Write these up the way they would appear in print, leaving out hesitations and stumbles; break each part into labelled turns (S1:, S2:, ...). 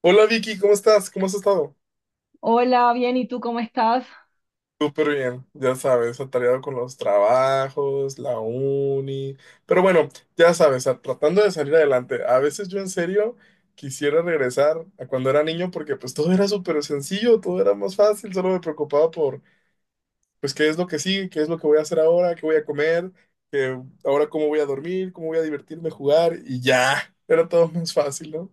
S1: Hola Vicky, ¿cómo estás? ¿Cómo has estado?
S2: Hola, bien, ¿y tú cómo estás?
S1: Súper bien, ya sabes, atareado con los trabajos, la uni, pero bueno, ya sabes, tratando de salir adelante. A veces yo en serio quisiera regresar a cuando era niño porque pues todo era súper sencillo, todo era más fácil, solo me preocupaba por pues qué es lo que sigue, qué es lo que voy a hacer ahora, qué voy a comer, ahora cómo voy a dormir, cómo voy a divertirme, jugar y ya, era todo más fácil, ¿no?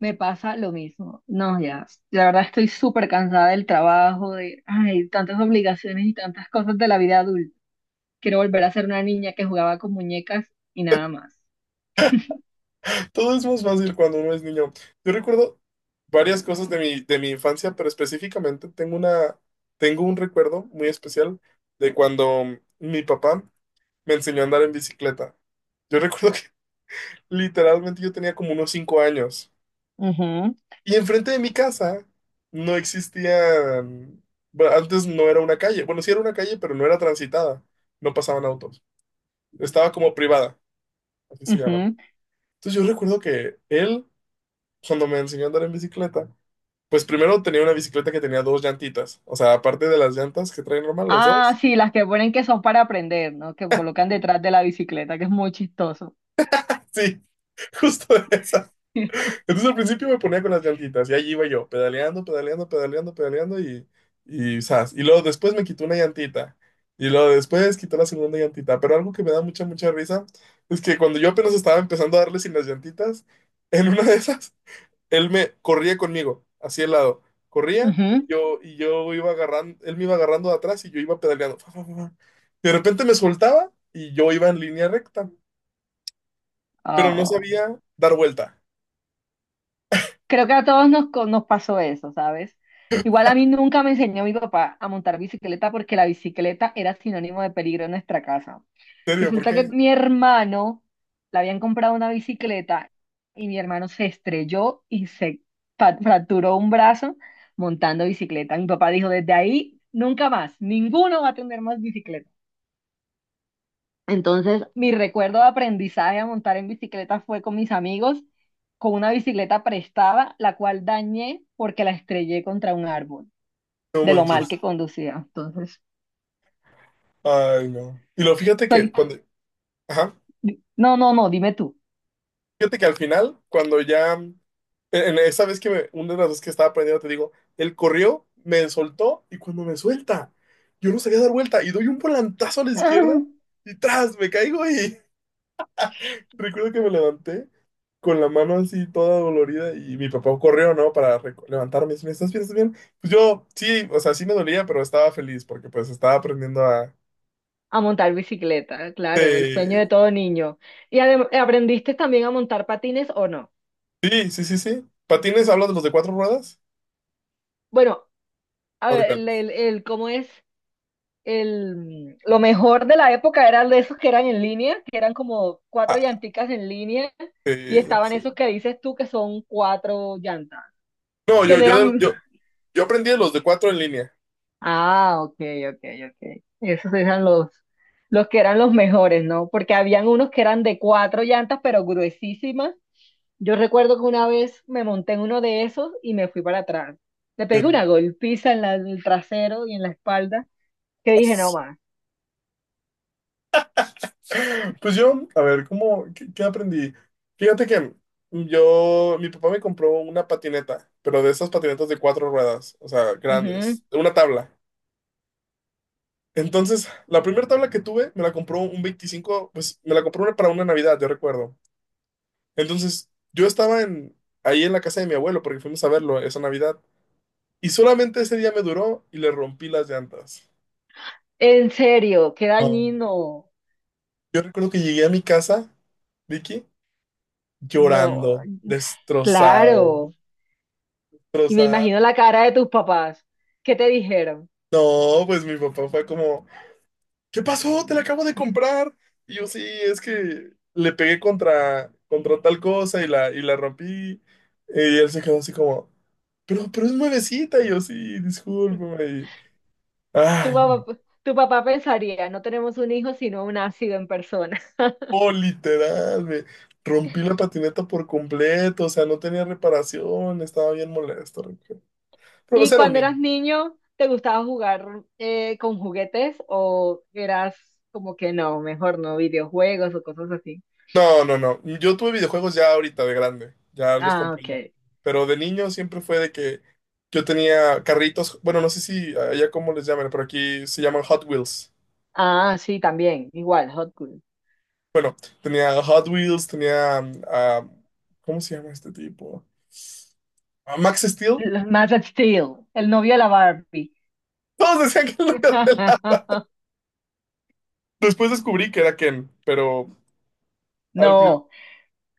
S2: Me pasa lo mismo. No, ya, la verdad estoy súper cansada del trabajo, de, ay, tantas obligaciones y tantas cosas de la vida adulta. Quiero volver a ser una niña que jugaba con muñecas y nada más.
S1: Todo es más fácil cuando uno es niño. Yo recuerdo varias cosas de mi infancia, pero específicamente tengo una, tengo un recuerdo muy especial de cuando mi papá me enseñó a andar en bicicleta. Yo recuerdo que literalmente yo tenía como unos 5 años. Y enfrente de mi casa no existían, bueno, antes no era una calle. Bueno, sí era una calle, pero no era transitada. No pasaban autos. Estaba como privada, así se
S2: Ujú,
S1: llama.
S2: ujú.
S1: Entonces yo recuerdo que él, cuando me enseñó a andar en bicicleta, pues primero tenía una bicicleta que tenía dos llantitas. O sea, aparte de las llantas que traen normal, las
S2: Ah,
S1: dos.
S2: sí, las que ponen que son para aprender, ¿no? Que colocan detrás de la bicicleta, que es muy chistoso.
S1: Sí, justo esa. Entonces al principio me ponía con las llantitas y allí iba yo, pedaleando, pedaleando, pedaleando, pedaleando y zas. Y luego después me quitó una llantita. Y luego después quitó la segunda llantita. Pero algo que me da mucha, mucha risa es que cuando yo apenas estaba empezando a darle sin las llantitas, en una de esas él me corría conmigo, así al lado. Corría y
S2: Ujú.
S1: yo, iba agarrando, él me iba agarrando de atrás y yo iba pedaleando. Fa, fa, fa, fa. De repente me soltaba y yo iba en línea recta, pero no sabía dar vuelta.
S2: Creo que a todos nos pasó eso, ¿sabes? Igual a mí nunca me enseñó mi papá a montar bicicleta porque la bicicleta era sinónimo de peligro en nuestra casa.
S1: ¿En serio? ¿Por
S2: Resulta que
S1: qué?
S2: mi hermano le habían comprado una bicicleta y mi hermano se estrelló y se fracturó un brazo montando bicicleta. Mi papá dijo, desde ahí nunca más, ninguno va a tener más bicicleta. Entonces, mi recuerdo de aprendizaje a montar en bicicleta fue con mis amigos, con una bicicleta prestada, la cual dañé porque la estrellé contra un árbol,
S1: No
S2: de lo mal
S1: manches.
S2: que conducía. Entonces,
S1: Ay, no. Y lo fíjate que
S2: soy...
S1: cuando, ajá,
S2: No, no, no, dime tú.
S1: fíjate que al final, cuando ya, en esa vez que me, una de las veces que estaba aprendiendo, te digo, él corrió, me soltó y cuando me suelta, yo no sabía dar vuelta y doy un volantazo a la izquierda y tras, me caigo y recuerdo que me levanté con la mano así toda dolorida y mi papá corrió, ¿no? Para levantarme. Y me, ¿estás bien? ¿Estás bien? Pues yo, sí, o sea, sí me dolía, pero estaba feliz porque pues estaba aprendiendo a...
S2: Ah, a montar bicicleta, claro, el sueño
S1: Eh,
S2: de todo niño. ¿Y aprendiste también a montar patines o no?
S1: Sí, sí, sí, sí. ¿Patines hablas de los de cuatro ruedas?
S2: Bueno, a
S1: ¿O de
S2: ver,
S1: cuáles?
S2: ¿cómo es? El, lo mejor de la época eran de esos que eran en línea, que eran como cuatro
S1: Ah,
S2: llanticas en línea, y estaban esos
S1: sí.
S2: que dices tú que son cuatro llantas,
S1: No,
S2: que
S1: yo,
S2: no eran...
S1: yo, yo, yo aprendí de los de cuatro en línea.
S2: Ah, ok, ok, ok. Esos eran los que eran los mejores, ¿no? Porque habían unos que eran de cuatro llantas, pero gruesísimas. Yo recuerdo que una vez me monté en uno de esos y me fui para atrás. Le pegué
S1: Pero-
S2: una golpiza en, en el trasero y en la espalda, que dije, no más.
S1: Pues yo, a ver, ¿cómo, qué aprendí? Fíjate que yo, mi papá me compró una patineta, pero de esas patinetas de cuatro ruedas, o sea,
S2: Ujú.
S1: grandes, una tabla. Entonces, la primera tabla que tuve me la compró un 25, pues me la compró para una Navidad, yo recuerdo. Entonces, yo estaba en, ahí en la casa de mi abuelo porque fuimos a verlo esa Navidad y solamente ese día me duró y le rompí las llantas.
S2: En serio, qué
S1: No.
S2: dañino.
S1: Yo recuerdo que llegué a mi casa, Vicky,
S2: No,
S1: llorando, destrozado,
S2: claro. Y me
S1: destrozado.
S2: imagino la cara de tus papás. ¿Qué te dijeron?
S1: No, pues mi papá fue como, ¿qué pasó? Te la acabo de comprar. Y yo, sí, es que le pegué contra, tal cosa y la rompí. Y él se quedó así como, pero, es nuevecita. Y yo, sí, discúlpame. Y,
S2: Tu
S1: ay,
S2: papá, tu papá pensaría, no tenemos un hijo, sino un ácido en persona.
S1: no, literal, me rompí la patineta por completo. O sea, no tenía reparación, estaba bien molesto. Rico. Pero pues
S2: ¿Y
S1: era un
S2: cuando
S1: niño.
S2: eras niño, te gustaba jugar con juguetes o eras como que no, mejor no, videojuegos o cosas así?
S1: No, no, no. Yo tuve videojuegos ya ahorita de grande, ya los
S2: Ah,
S1: compré yo.
S2: ok.
S1: Pero de niño siempre fue de que yo tenía carritos, bueno, no sé si allá cómo les llaman, pero aquí se llaman Hot Wheels.
S2: Ah, sí, también, igual, Hot Wheels.
S1: Bueno, tenía Hot Wheels, tenía, ¿cómo se llama este tipo? Ah, Max Steel.
S2: Los Man of Steel, el novio de la Barbie.
S1: Todos decían que era de la... Después descubrí que era Ken, pero al, pri-
S2: No,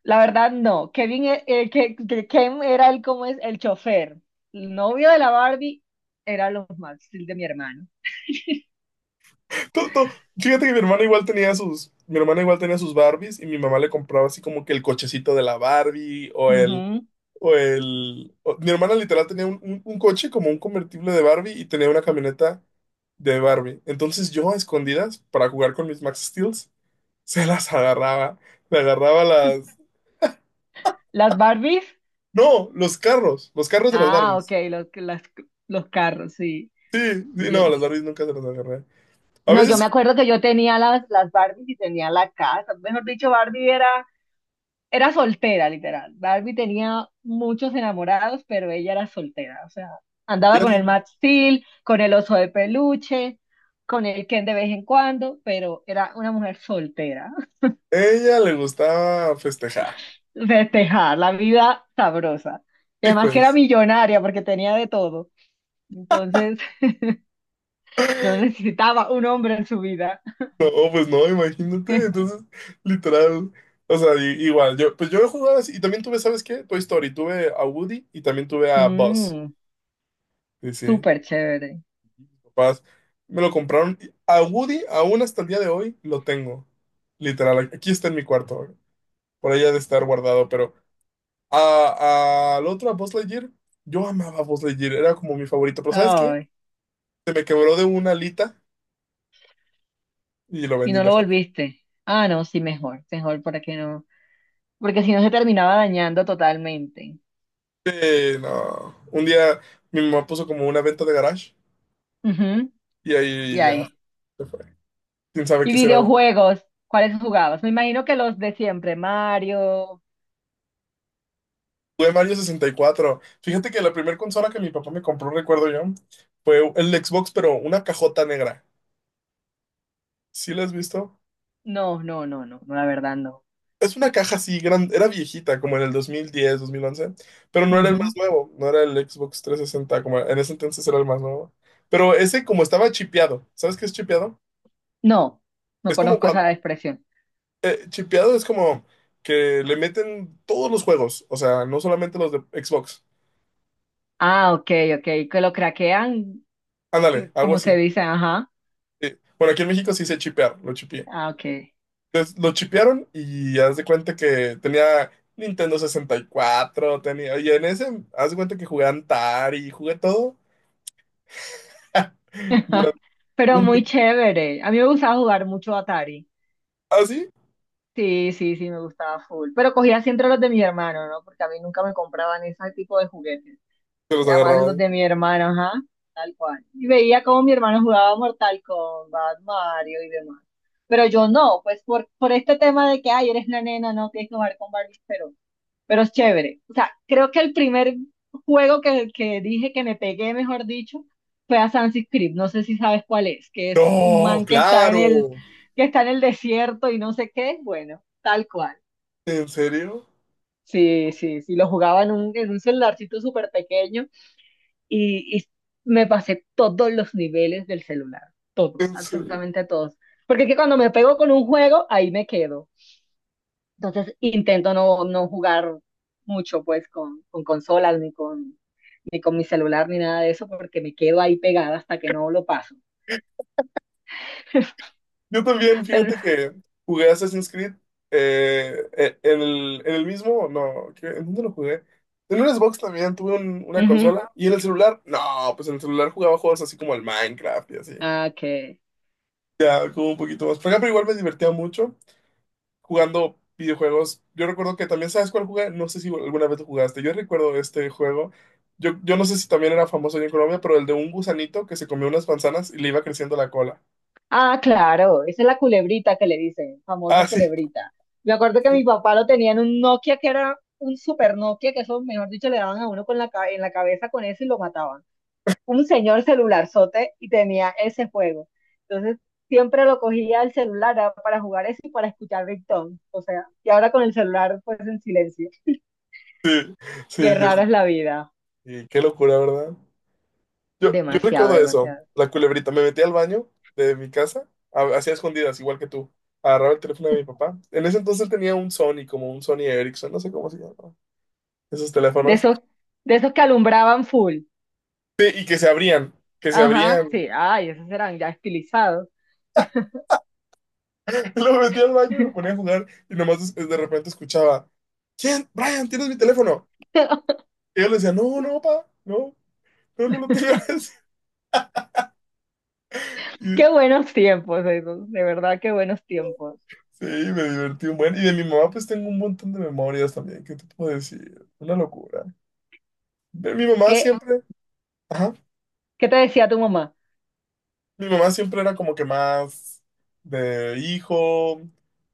S2: la verdad, no. Kevin, Ken era el, como es, el chofer. El novio de la Barbie era los Maxfield de mi hermano.
S1: to- to- fíjate que mi hermana igual tenía sus Barbies y mi mamá le compraba así como que el cochecito de la Barbie
S2: Ujú.
S1: mi hermana literal tenía un, un coche como un convertible de Barbie y tenía una camioneta de Barbie. Entonces yo a escondidas para jugar con mis Max Steels se las agarraba, le agarraba las,
S2: Las Barbies,
S1: no, los carros de las
S2: ah, ok,
S1: Barbies.
S2: los carros, sí.
S1: Sí, sí,
S2: Y yo-
S1: no, las Barbies nunca se las agarré. A
S2: no, yo
S1: veces
S2: me acuerdo que yo tenía las Barbies y tenía la casa. Mejor dicho, Barbie era. Era soltera, literal. Barbie tenía muchos enamorados, pero ella era soltera. O sea, andaba con el
S1: ella
S2: Max Steel, con el oso de peluche, con el Ken de vez en cuando, pero era una mujer soltera.
S1: ella le gustaba festejar.
S2: Festejar la vida sabrosa. Y
S1: Sí,
S2: además que era
S1: pues.
S2: millonaria porque tenía de todo. Entonces, no necesitaba un hombre en su vida.
S1: No, pues no, imagínate. Entonces, literal. O sea, igual, yo, pues yo he jugado así. Y también tuve, ¿sabes qué? Toy Story. Tuve a Woody y también tuve a Buzz.
S2: Mm,
S1: Sí, sí.
S2: súper chévere.
S1: Mis papás me lo compraron. Y a Woody, aún hasta el día de hoy, lo tengo. Literal, aquí está en mi cuarto. Por ahí ha de estar guardado. Pero a- al otro, a Buzz Lightyear, yo amaba a Buzz Lightyear. Era como mi favorito. Pero ¿sabes qué?
S2: Ay,
S1: Se me quebró de una alita y lo
S2: y
S1: vendí
S2: no lo
S1: mejor.
S2: volviste. Ah, no, sí, mejor. Mejor para que no, porque si no se terminaba dañando totalmente.
S1: No. Un día mi mamá puso como una venta de garage.
S2: Ujú,
S1: Y
S2: y
S1: ahí ya
S2: ahí.
S1: se fue. ¿Quién sabe
S2: Y
S1: qué será?
S2: videojuegos, ¿cuáles jugabas? Me imagino que los de siempre, Mario.
S1: Jugué Mario 64. Fíjate que la primera consola que mi papá me compró, recuerdo yo, fue el Xbox, pero una cajota negra. ¿Sí la has visto?
S2: No, no, no, no, no, la verdad no.
S1: Es una caja así grande, era viejita, como en el 2010, 2011, pero no era el
S2: Ujú.
S1: más nuevo, no era el Xbox 360, como en ese entonces era el más nuevo. Pero ese como estaba chipeado, ¿sabes qué es chipeado?
S2: No, no
S1: Es como
S2: conozco
S1: cuando,
S2: esa expresión.
S1: chipeado es como que le meten todos los juegos, o sea, no solamente los de Xbox.
S2: Ah, ok, ok, que lo craquean,
S1: Ándale, algo
S2: como se
S1: así.
S2: dice, ajá.
S1: Sí. Bueno, aquí en México sí se chipear, lo chipié.
S2: Ah, ok.
S1: Entonces lo chipearon y haz de cuenta que tenía Nintendo 64 tenía. Y en ese, haz de cuenta que jugué Antari, jugué todo durante
S2: Pero
S1: un
S2: muy
S1: buen.
S2: chévere. A mí me gustaba jugar mucho Atari.
S1: ¿Ah, sí?
S2: Sí, sí, sí, me gustaba full. Pero cogía siempre los de mis hermanos, ¿no? Porque a mí nunca me compraban ese tipo de juguetes.
S1: Se los
S2: Era más los
S1: agarraban.
S2: de mi hermano, ajá, tal cual. Y veía cómo mi hermano jugaba Mortal Kombat, Mario y demás. Pero yo no, pues por este tema de que, ay, eres la nena, no tienes que jugar con Barbie, pero es chévere. O sea, creo que el primer juego que dije que me pegué, mejor dicho, fue a Sunset Creek. No sé si sabes cuál es, que es un
S1: No,
S2: man que está en
S1: claro.
S2: que está en el desierto y no sé qué. Bueno, tal cual.
S1: ¿En serio?
S2: Sí, sí, sí, lo jugaba en un celularcito súper pequeño y me pasé todos los niveles del celular, todos,
S1: ¿En serio?
S2: absolutamente todos. Porque es que cuando me pego con un juego, ahí me quedo. Entonces intento no, no jugar mucho pues con consolas ni con, ni con mi celular ni nada de eso porque me quedo ahí pegada hasta que no lo paso.
S1: Yo también,
S2: Pero,
S1: fíjate que jugué Assassin's Creed, en el, mismo, no, ¿qué? ¿En dónde lo jugué? En un Xbox también, tuve una
S2: ujú.
S1: consola. ¿Y en el celular? No, pues en el celular jugaba juegos así como el Minecraft y así.
S2: Ah, ok.
S1: Ya, como un poquito más. Por ejemplo, igual me divertía mucho jugando videojuegos. Yo recuerdo que también, ¿sabes cuál jugué? No sé si alguna vez lo jugaste. Yo recuerdo este juego. Yo no sé si también era famoso allá en Colombia, pero el de un gusanito que se comió unas manzanas y le iba creciendo la cola.
S2: Ah, claro, esa es la culebrita que le dicen, famosa
S1: Ah, sí,
S2: culebrita. Me acuerdo que mi papá lo tenía en un Nokia que era un super Nokia, que eso, mejor dicho, le daban a uno con en la cabeza con eso y lo mataban. Un señor celularzote y tenía ese juego. Entonces, siempre lo cogía el celular ah, para jugar eso y para escuchar Ringtone. O sea, y ahora con el celular, pues en silencio.
S1: sí, sí,
S2: Qué rara es la vida.
S1: y qué locura, ¿verdad? Yo
S2: Demasiado,
S1: recuerdo eso,
S2: demasiado.
S1: la culebrita. Me metí al baño de mi casa, hacía escondidas, igual que tú. Agarraba el teléfono de mi papá. En ese entonces tenía un Sony, como un Sony Ericsson, no sé cómo se llamaba. Esos
S2: De
S1: teléfonos.
S2: esos, de esos que alumbraban full.
S1: Sí, y que se abrían, que se
S2: Ajá,
S1: abrían.
S2: sí, ay, esos eran ya estilizados.
S1: Lo metí al baño y me ponía a jugar y nomás de repente escuchaba, ¿quién? Brian, ¿tienes mi teléfono? Y yo le decía, no, no, papá, no, no, no lo tengas.
S2: Qué buenos tiempos esos, de verdad, qué buenos tiempos.
S1: Y sí, me divertí un buen. Y de mi mamá pues tengo un montón de memorias también, ¿qué te puedo decir? Una locura. Mi
S2: Es
S1: mamá
S2: que,
S1: siempre, ajá,
S2: ¿qué te decía tu mamá?
S1: mi mamá siempre era como que más de hijo,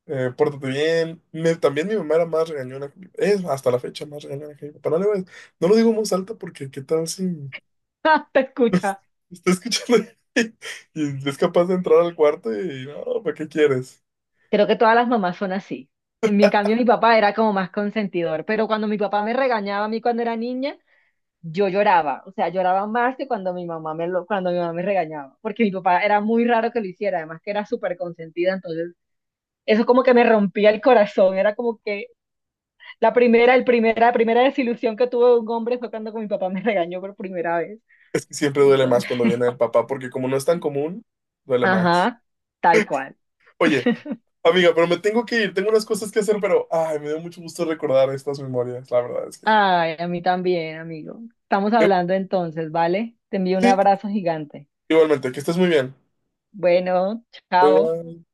S1: pórtate bien. También mi mamá era más regañona, que es hasta la fecha más regañona que mi papá. No, no lo digo en voz alta porque qué tal si
S2: ¡Ja! Te
S1: nos
S2: escucha.
S1: está escuchando y es capaz de entrar al cuarto y no, ¿para qué quieres?
S2: Creo que todas las mamás son así. En mi en cambio, mi papá era como más consentidor, pero cuando mi papá me regañaba a mí cuando era niña, yo lloraba, o sea, lloraba más que cuando mi mamá cuando mi mamá me regañaba, porque mi papá era muy raro que lo hiciera, además que era súper consentida, entonces eso como que me rompía el corazón, era como que la primera desilusión que tuve de un hombre fue cuando mi papá me regañó por primera vez.
S1: Es que siempre duele más cuando viene el papá porque como no es tan común, duele más.
S2: Ajá, tal cual.
S1: Oye, amiga, pero me tengo que ir, tengo unas cosas que hacer, pero ay, me dio mucho gusto recordar estas memorias, la verdad es que...
S2: Ay, a mí también, amigo. Estamos
S1: Qué
S2: hablando entonces, ¿vale? Te envío un
S1: sí, sí, sí.
S2: abrazo gigante.
S1: Igualmente, que estés muy bien.
S2: Bueno,
S1: Bye
S2: chao.
S1: bye.